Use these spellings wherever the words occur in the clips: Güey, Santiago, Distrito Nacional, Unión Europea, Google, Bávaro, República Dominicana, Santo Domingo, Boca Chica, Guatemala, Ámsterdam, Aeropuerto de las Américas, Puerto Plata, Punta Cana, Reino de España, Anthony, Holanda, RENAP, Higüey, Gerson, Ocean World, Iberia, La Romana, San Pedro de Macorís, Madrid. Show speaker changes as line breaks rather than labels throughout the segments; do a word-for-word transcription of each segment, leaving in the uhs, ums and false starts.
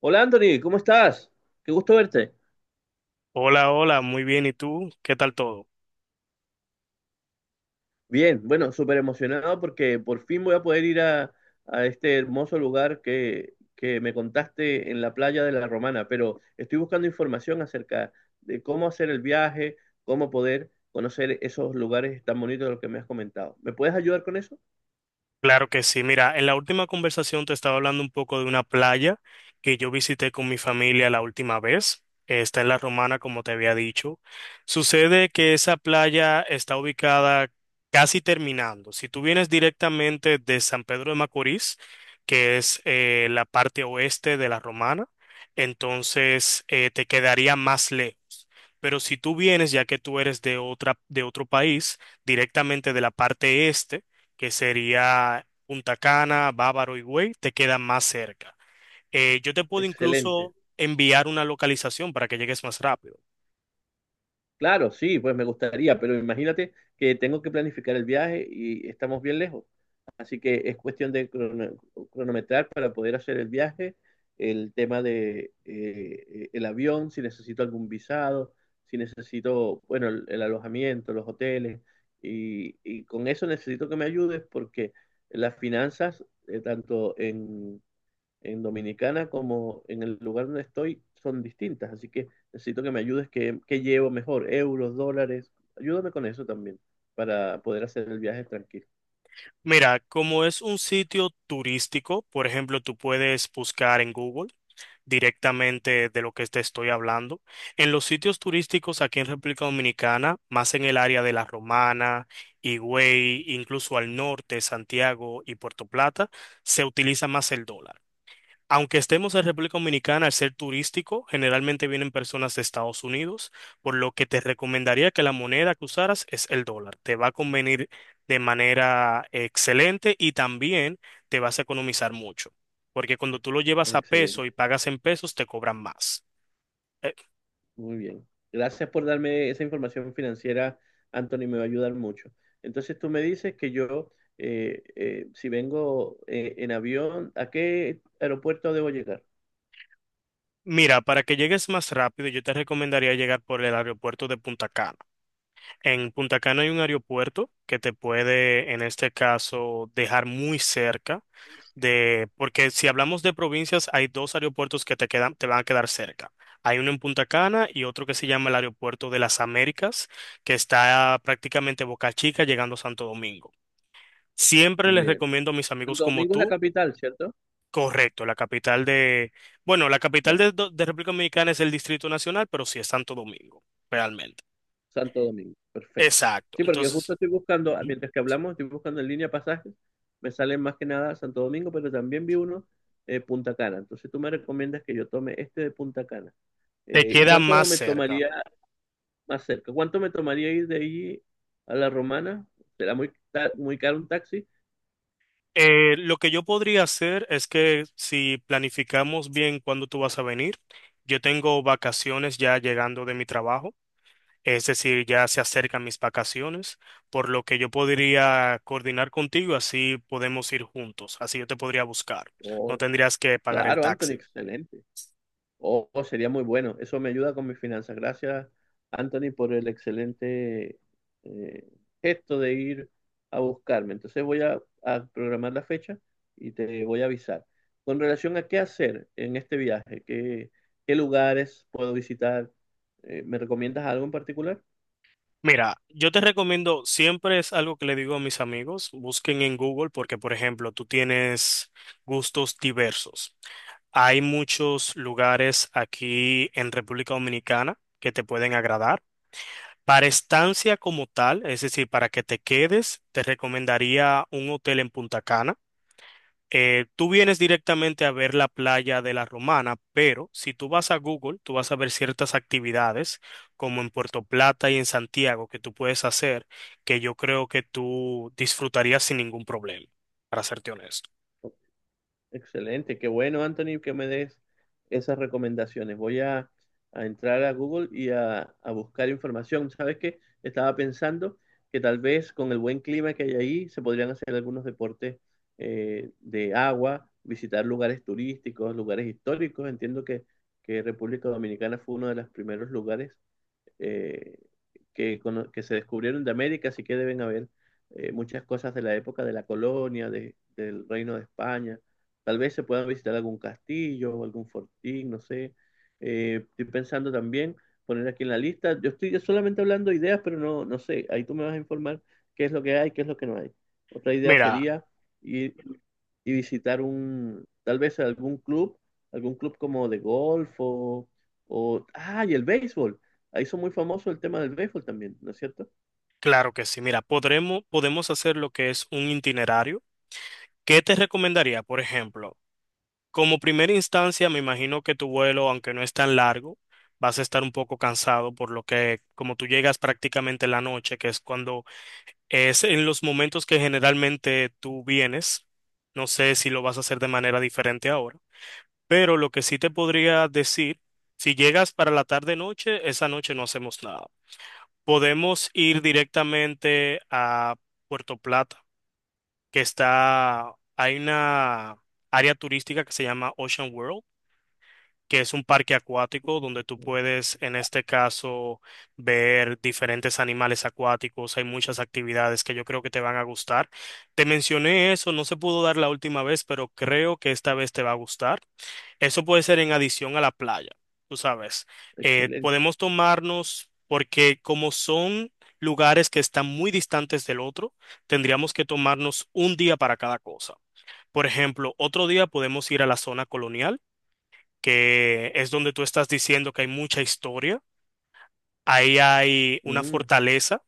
Hola Anthony, ¿cómo estás? Qué gusto verte.
Hola, hola, muy bien. ¿Y tú? ¿Qué tal todo?
Bien, bueno, súper emocionado porque por fin voy a poder ir a, a este hermoso lugar que, que me contaste en la playa de La Romana, pero estoy buscando información acerca de cómo hacer el viaje, cómo poder conocer esos lugares tan bonitos de los que me has comentado. ¿Me puedes ayudar con eso?
Claro que sí. Mira, en la última conversación te estaba hablando un poco de una playa que yo visité con mi familia la última vez. Eh, Está en La Romana, como te había dicho. Sucede que esa playa está ubicada casi terminando. Si tú vienes directamente de San Pedro de Macorís, que es eh, la parte oeste de La Romana, entonces eh, te quedaría más lejos. Pero si tú vienes, ya que tú eres de otra, de otro país, directamente de la parte este, que sería Punta Cana, Bávaro y Güey, te quedan más cerca. Eh, yo te puedo
Excelente.
incluso enviar una localización para que llegues más rápido.
Claro, sí, pues me gustaría, pero imagínate que tengo que planificar el viaje y estamos bien lejos. Así que es cuestión de crono- cronometrar para poder hacer el viaje, el tema de eh, el avión, si necesito algún visado, si necesito, bueno, el, el alojamiento, los hoteles, y, y con eso necesito que me ayudes porque las finanzas, eh, tanto en Dominicana como en el lugar donde estoy son distintas, así que necesito que me ayudes, que, que llevo mejor, euros, dólares, ayúdame con eso también para poder hacer el viaje tranquilo.
Mira, como es un sitio turístico, por ejemplo, tú puedes buscar en Google directamente de lo que te estoy hablando. En los sitios turísticos aquí en República Dominicana, más en el área de La Romana, Higüey, incluso al norte, Santiago y Puerto Plata, se utiliza más el dólar. Aunque estemos en República Dominicana, al ser turístico, generalmente vienen personas de Estados Unidos, por lo que te recomendaría que la moneda que usaras es el dólar. Te va a convenir de manera excelente y también te vas a economizar mucho, porque cuando tú lo llevas a peso y
Excelente,
pagas en pesos, te cobran más. Eh,
muy bien. Gracias por darme esa información financiera, Anthony, me va a ayudar mucho. Entonces tú me dices que yo, eh, eh, si vengo eh, en avión, ¿a qué aeropuerto debo llegar?
mira, para que llegues más rápido, yo te recomendaría llegar por el aeropuerto de Punta Cana. En Punta Cana hay un aeropuerto que te puede, en este caso, dejar muy cerca de, porque si hablamos de provincias, hay dos aeropuertos que te quedan, te van a quedar cerca. Hay uno en Punta Cana y otro que se llama el Aeropuerto de las Américas, que está prácticamente Boca Chica llegando a Santo Domingo. Siempre les
Bien.
recomiendo a mis amigos
Santo
como
Domingo es la
tú.
capital, ¿cierto?
Correcto, la capital de, bueno, la capital
Ya.
de, de República Dominicana es el Distrito Nacional, pero sí es Santo Domingo, realmente.
Santo Domingo, perfecto.
Exacto.
Sí, porque justo
Entonces.
estoy buscando, ah, mientras que hablamos, estoy buscando en línea pasajes, me salen más que nada Santo Domingo, pero también vi uno eh, Punta Cana. Entonces tú me recomiendas que yo tome este de Punta Cana.
Te
Eh,
queda
¿cuánto
más
me
cerca.
tomaría más cerca? ¿Cuánto me tomaría ir de allí a La Romana? ¿Será muy, ta- muy caro un taxi?
Eh, lo que yo podría hacer es que si planificamos bien cuándo tú vas a venir, yo tengo vacaciones ya llegando de mi trabajo, es decir, ya se acercan mis vacaciones, por lo que yo podría coordinar contigo, así podemos ir juntos, así yo te podría buscar,
Oh,
no tendrías que pagar el
claro, Anthony,
taxi.
excelente. Oh, oh, sería muy bueno. Eso me ayuda con mis finanzas. Gracias, Anthony, por el excelente eh, gesto de ir a buscarme. Entonces voy a, a programar la fecha y te voy a avisar. Con relación a qué hacer en este viaje, qué, qué lugares puedo visitar, eh, ¿me recomiendas algo en particular?
Mira, yo te recomiendo, siempre es algo que le digo a mis amigos, busquen en Google porque, por ejemplo, tú tienes gustos diversos. Hay muchos lugares aquí en República Dominicana que te pueden agradar. Para estancia como tal, es decir, para que te quedes, te recomendaría un hotel en Punta Cana. Eh, tú vienes directamente a ver la playa de La Romana, pero si tú vas a Google, tú vas a ver ciertas actividades como en Puerto Plata y en Santiago que tú puedes hacer, que yo creo que tú disfrutarías sin ningún problema, para serte honesto.
Excelente, qué bueno, Anthony, que me des esas recomendaciones. Voy a, a entrar a Google y a, a buscar información. ¿Sabes qué? Estaba pensando que tal vez con el buen clima que hay ahí se podrían hacer algunos deportes eh, de agua, visitar lugares turísticos, lugares históricos. Entiendo que, que República Dominicana fue uno de los primeros lugares eh, que, cono- que se descubrieron de América, así que deben haber eh, muchas cosas de la época de la colonia, de- del Reino de España. Tal vez se puedan visitar algún castillo o algún fortín, no sé. Eh, estoy pensando también poner aquí en la lista. Yo estoy solamente hablando de ideas, pero no, no sé. Ahí tú me vas a informar qué es lo que hay, qué es lo que no hay. Otra idea
Mira.
sería ir y visitar un, tal vez algún club, algún club como de golf o, o- ah, y el béisbol. Ahí hizo muy famoso el tema del béisbol también, ¿no es cierto?
Claro que sí. Mira, podremos, podemos hacer lo que es un itinerario. ¿Qué te recomendaría? Por ejemplo, como primera instancia, me imagino que tu vuelo, aunque no es tan largo, vas a estar un poco cansado por lo que, como tú llegas prácticamente en la noche, que es cuando es en los momentos que generalmente tú vienes, no sé si lo vas a hacer de manera diferente ahora, pero lo que sí te podría decir, si llegas para la tarde-noche, esa noche no hacemos nada. Podemos ir directamente a Puerto Plata, que está, hay una área turística que se llama Ocean World, que es un parque acuático donde tú
Sí.
puedes, en este caso, ver diferentes animales acuáticos. Hay muchas actividades que yo creo que te van a gustar. Te mencioné eso, no se pudo dar la última vez, pero creo que esta vez te va a gustar. Eso puede ser en adición a la playa, tú sabes. Eh,
Excelente.
podemos tomarnos, porque como son lugares que están muy distantes del otro, tendríamos que tomarnos un día para cada cosa. Por ejemplo, otro día podemos ir a la zona colonial, que es donde tú estás diciendo que hay mucha historia. Ahí hay una
Mm,
fortaleza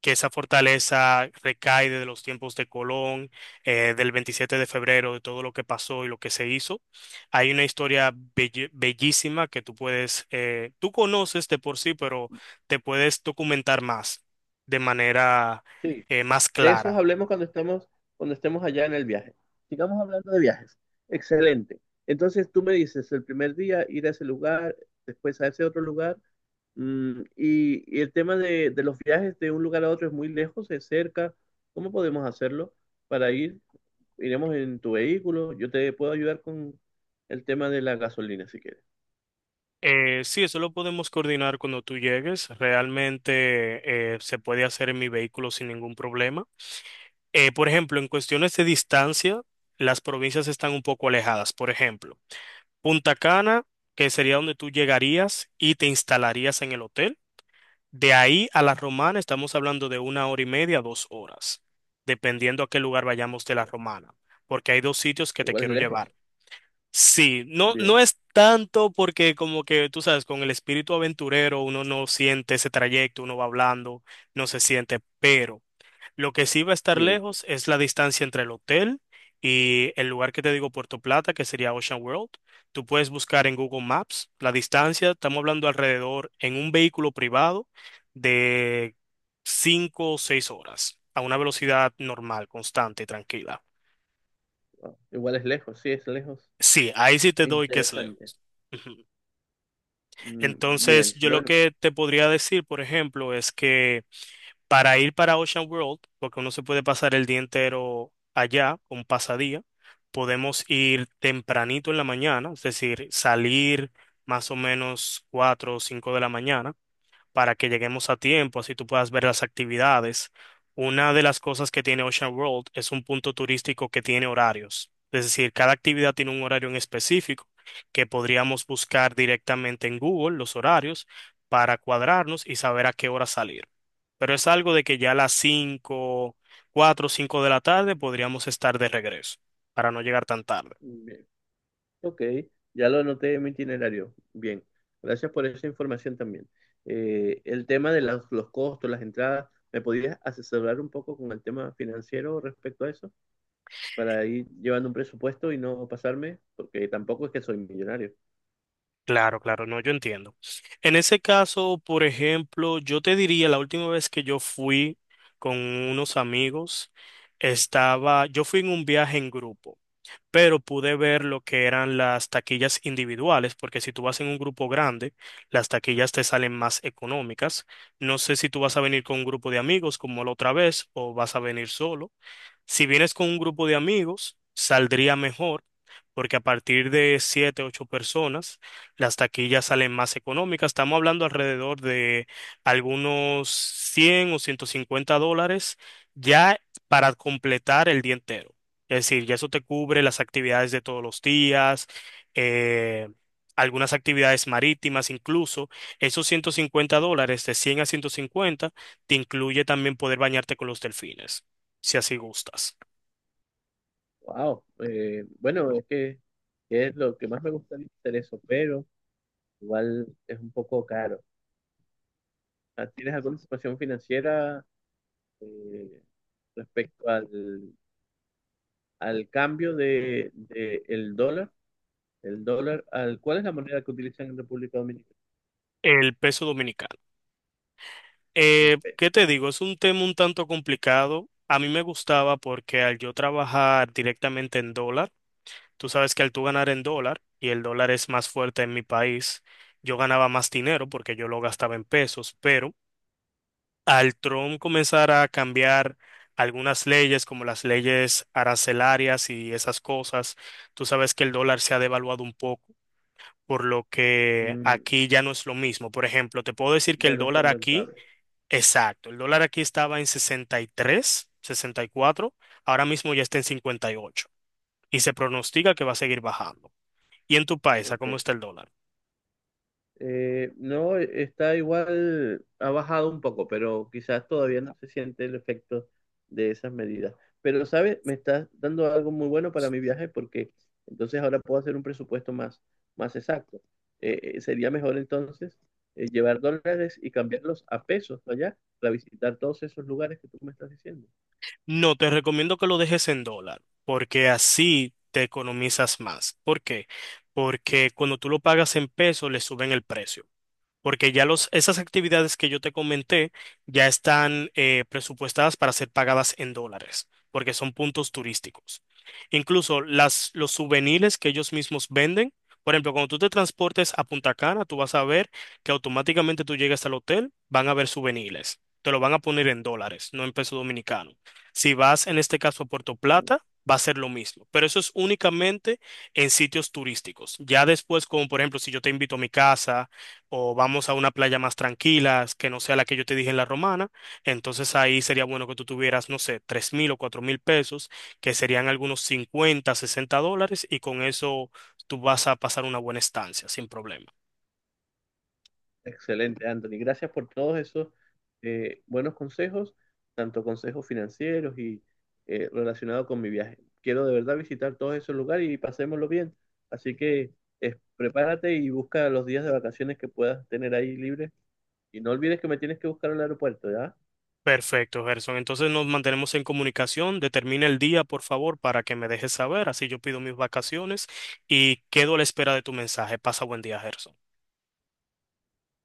que esa fortaleza recae de los tiempos de Colón, eh, del veintisiete de febrero, de todo lo que pasó y lo que se hizo. Hay una historia belli- bellísima que tú puedes, eh, tú conoces de por sí, pero te puedes documentar más, de manera
sí.
eh, más
De esos
clara.
hablemos cuando estemos, cuando estemos allá en el viaje. Sigamos hablando de viajes. Excelente. Entonces tú me dices, el primer día ir a ese lugar, después a ese otro lugar. Mm, y, y el tema de, de los viajes de un lugar a otro es muy lejos, es cerca. ¿Cómo podemos hacerlo para ir? Iremos en tu vehículo. Yo te puedo ayudar con el tema de la gasolina si quieres.
Eh, sí, eso lo podemos coordinar cuando tú llegues. Realmente eh, se puede hacer en mi vehículo sin ningún problema. Eh, por ejemplo, en cuestiones de distancia, las provincias están un poco alejadas, por ejemplo. Punta Cana, que sería donde tú llegarías y te instalarías en el hotel. De ahí a La Romana estamos hablando de una hora y media, dos horas, dependiendo a qué lugar vayamos de La Romana, porque hay dos sitios que te
Igual es
quiero llevar.
lejos.
Sí, no, no
Bien.
es tanto porque como que tú sabes, con el espíritu aventurero uno no siente ese trayecto, uno va hablando, no se siente, pero... Lo que sí va a estar
Sí,
lejos es la distancia entre el hotel y el lugar que te digo, Puerto Plata, que sería Ocean World. Tú puedes buscar en Google Maps la distancia, estamos hablando alrededor en un vehículo privado de cinco o seis horas a una velocidad normal, constante y tranquila.
ah, igual es lejos, sí, es lejos.
Sí, ahí sí te doy que es
Interesante.
lejos. Ujú.
Mm,
Entonces,
bien,
yo lo
bueno,
que te podría decir, por ejemplo, es que para ir para Ocean World, porque uno se puede pasar el día entero allá, un pasadía, podemos ir tempranito en la mañana, es decir, salir más o menos cuatro o cinco de la mañana para que lleguemos a tiempo, así tú puedas ver las actividades. Una de las cosas que tiene Ocean World es un punto turístico que tiene horarios, es decir, cada actividad tiene un horario en específico que podríamos buscar directamente en Google los horarios para cuadrarnos y saber a qué hora salir. Pero es algo de que ya a las cinco, cuatro, o cinco de la tarde podríamos estar de regreso para no llegar tan tarde.
bien. Ok, ya lo anoté en mi itinerario. Bien, gracias por esa información también. Eh, el tema de las- los costos, las entradas, ¿me podías asesorar un poco con el tema financiero respecto a eso? Para ir llevando un presupuesto y no pasarme, porque tampoco es que soy millonario.
Claro, claro, no, yo entiendo. En ese caso, por ejemplo, yo te diría, la última vez que yo fui con unos amigos, estaba, yo fui en un viaje en grupo, pero pude ver lo que eran las taquillas individuales, porque si tú vas en un grupo grande, las taquillas te salen más económicas. No sé si tú vas a venir con un grupo de amigos como la otra vez o vas a venir solo. Si vienes con un grupo de amigos, saldría mejor, porque a partir de siete, ocho personas, las taquillas salen más económicas. Estamos hablando alrededor de algunos cien o ciento cincuenta dólares ya para completar el día entero. Es decir, ya eso te cubre las actividades de todos los días, eh, algunas actividades marítimas, incluso esos ciento cincuenta dólares de cien a ciento cincuenta te incluye también poder bañarte con los delfines si así gustas.
Wow, eh, bueno, es que es lo que más me gustaría hacer eso, pero igual es un poco caro. Ah, ¿tienes alguna situación financiera? Eh, respecto al, al cambio de, de el dólar. El dólar, al, ¿cuál es la moneda que utilizan en República Dominicana?
El peso dominicano.
El
Eh,
peso.
¿qué te digo? Es un tema un tanto complicado. A mí me gustaba porque al yo trabajar directamente en dólar, tú sabes que al tú ganar en dólar, y el dólar es más fuerte en mi país, yo ganaba más dinero porque yo lo gastaba en pesos, pero al Trump comenzar a cambiar algunas leyes, como las leyes arancelarias y esas cosas, tú sabes que el dólar se ha devaluado un poco. Por lo que
Mm,
aquí ya no es lo mismo. Por ejemplo, te puedo decir que
ya
el
no es
dólar
tan
aquí,
rentable.
exacto, el dólar aquí estaba en sesenta y tres, sesenta y cuatro, ahora mismo ya está en cincuenta y ocho y ocho y se pronostica que va a seguir bajando. ¿Y en tu país, a cómo
Ok.
está el dólar?
Eh, no, está igual, ha bajado un poco, pero quizás todavía no se siente el efecto de esas medidas. Pero, ¿sabes? Me estás dando algo muy bueno para mi viaje porque entonces ahora puedo hacer un presupuesto más, más exacto. Eh, eh, sería mejor entonces eh, llevar dólares y cambiarlos a pesos allá para visitar todos esos lugares que tú me estás diciendo.
No, te recomiendo que lo dejes en dólar, porque así te economizas más. ¿Por qué? Porque cuando tú lo pagas en peso, le suben el precio. Porque ya los, esas actividades que yo te comenté ya están eh, presupuestadas para ser pagadas en dólares, porque son puntos turísticos. Incluso las, los souvenirs que ellos mismos venden, por ejemplo, cuando tú te transportes a Punta Cana, tú vas a ver que automáticamente tú llegas al hotel, van a ver souvenirs. Te lo van a poner en dólares, no en peso dominicano. Si vas en este caso a Puerto Plata, va a ser lo mismo, pero eso es únicamente en sitios turísticos. Ya después, como por ejemplo, si yo te invito a mi casa, o vamos a una playa más tranquila, que no sea la que yo te dije en La Romana, entonces ahí sería bueno que tú tuvieras, no sé, tres mil o cuatro mil pesos, que serían algunos cincuenta sesenta dólares, y con eso tú vas a pasar una buena estancia, sin problema.
Excelente, Anthony. Gracias por todos esos eh, buenos consejos, tanto consejos financieros y eh, relacionados con mi viaje. Quiero de verdad visitar todos esos lugares y pasémoslo bien. Así que eh, prepárate y busca los días de vacaciones que puedas tener ahí libres. Y no olvides que me tienes que buscar al aeropuerto, ¿ya?
Perfecto, Gerson. Entonces nos mantenemos en comunicación. Determina el día, por favor, para que me dejes saber. Así yo pido mis vacaciones y quedo a la espera de tu mensaje. Pasa buen día, Gerson.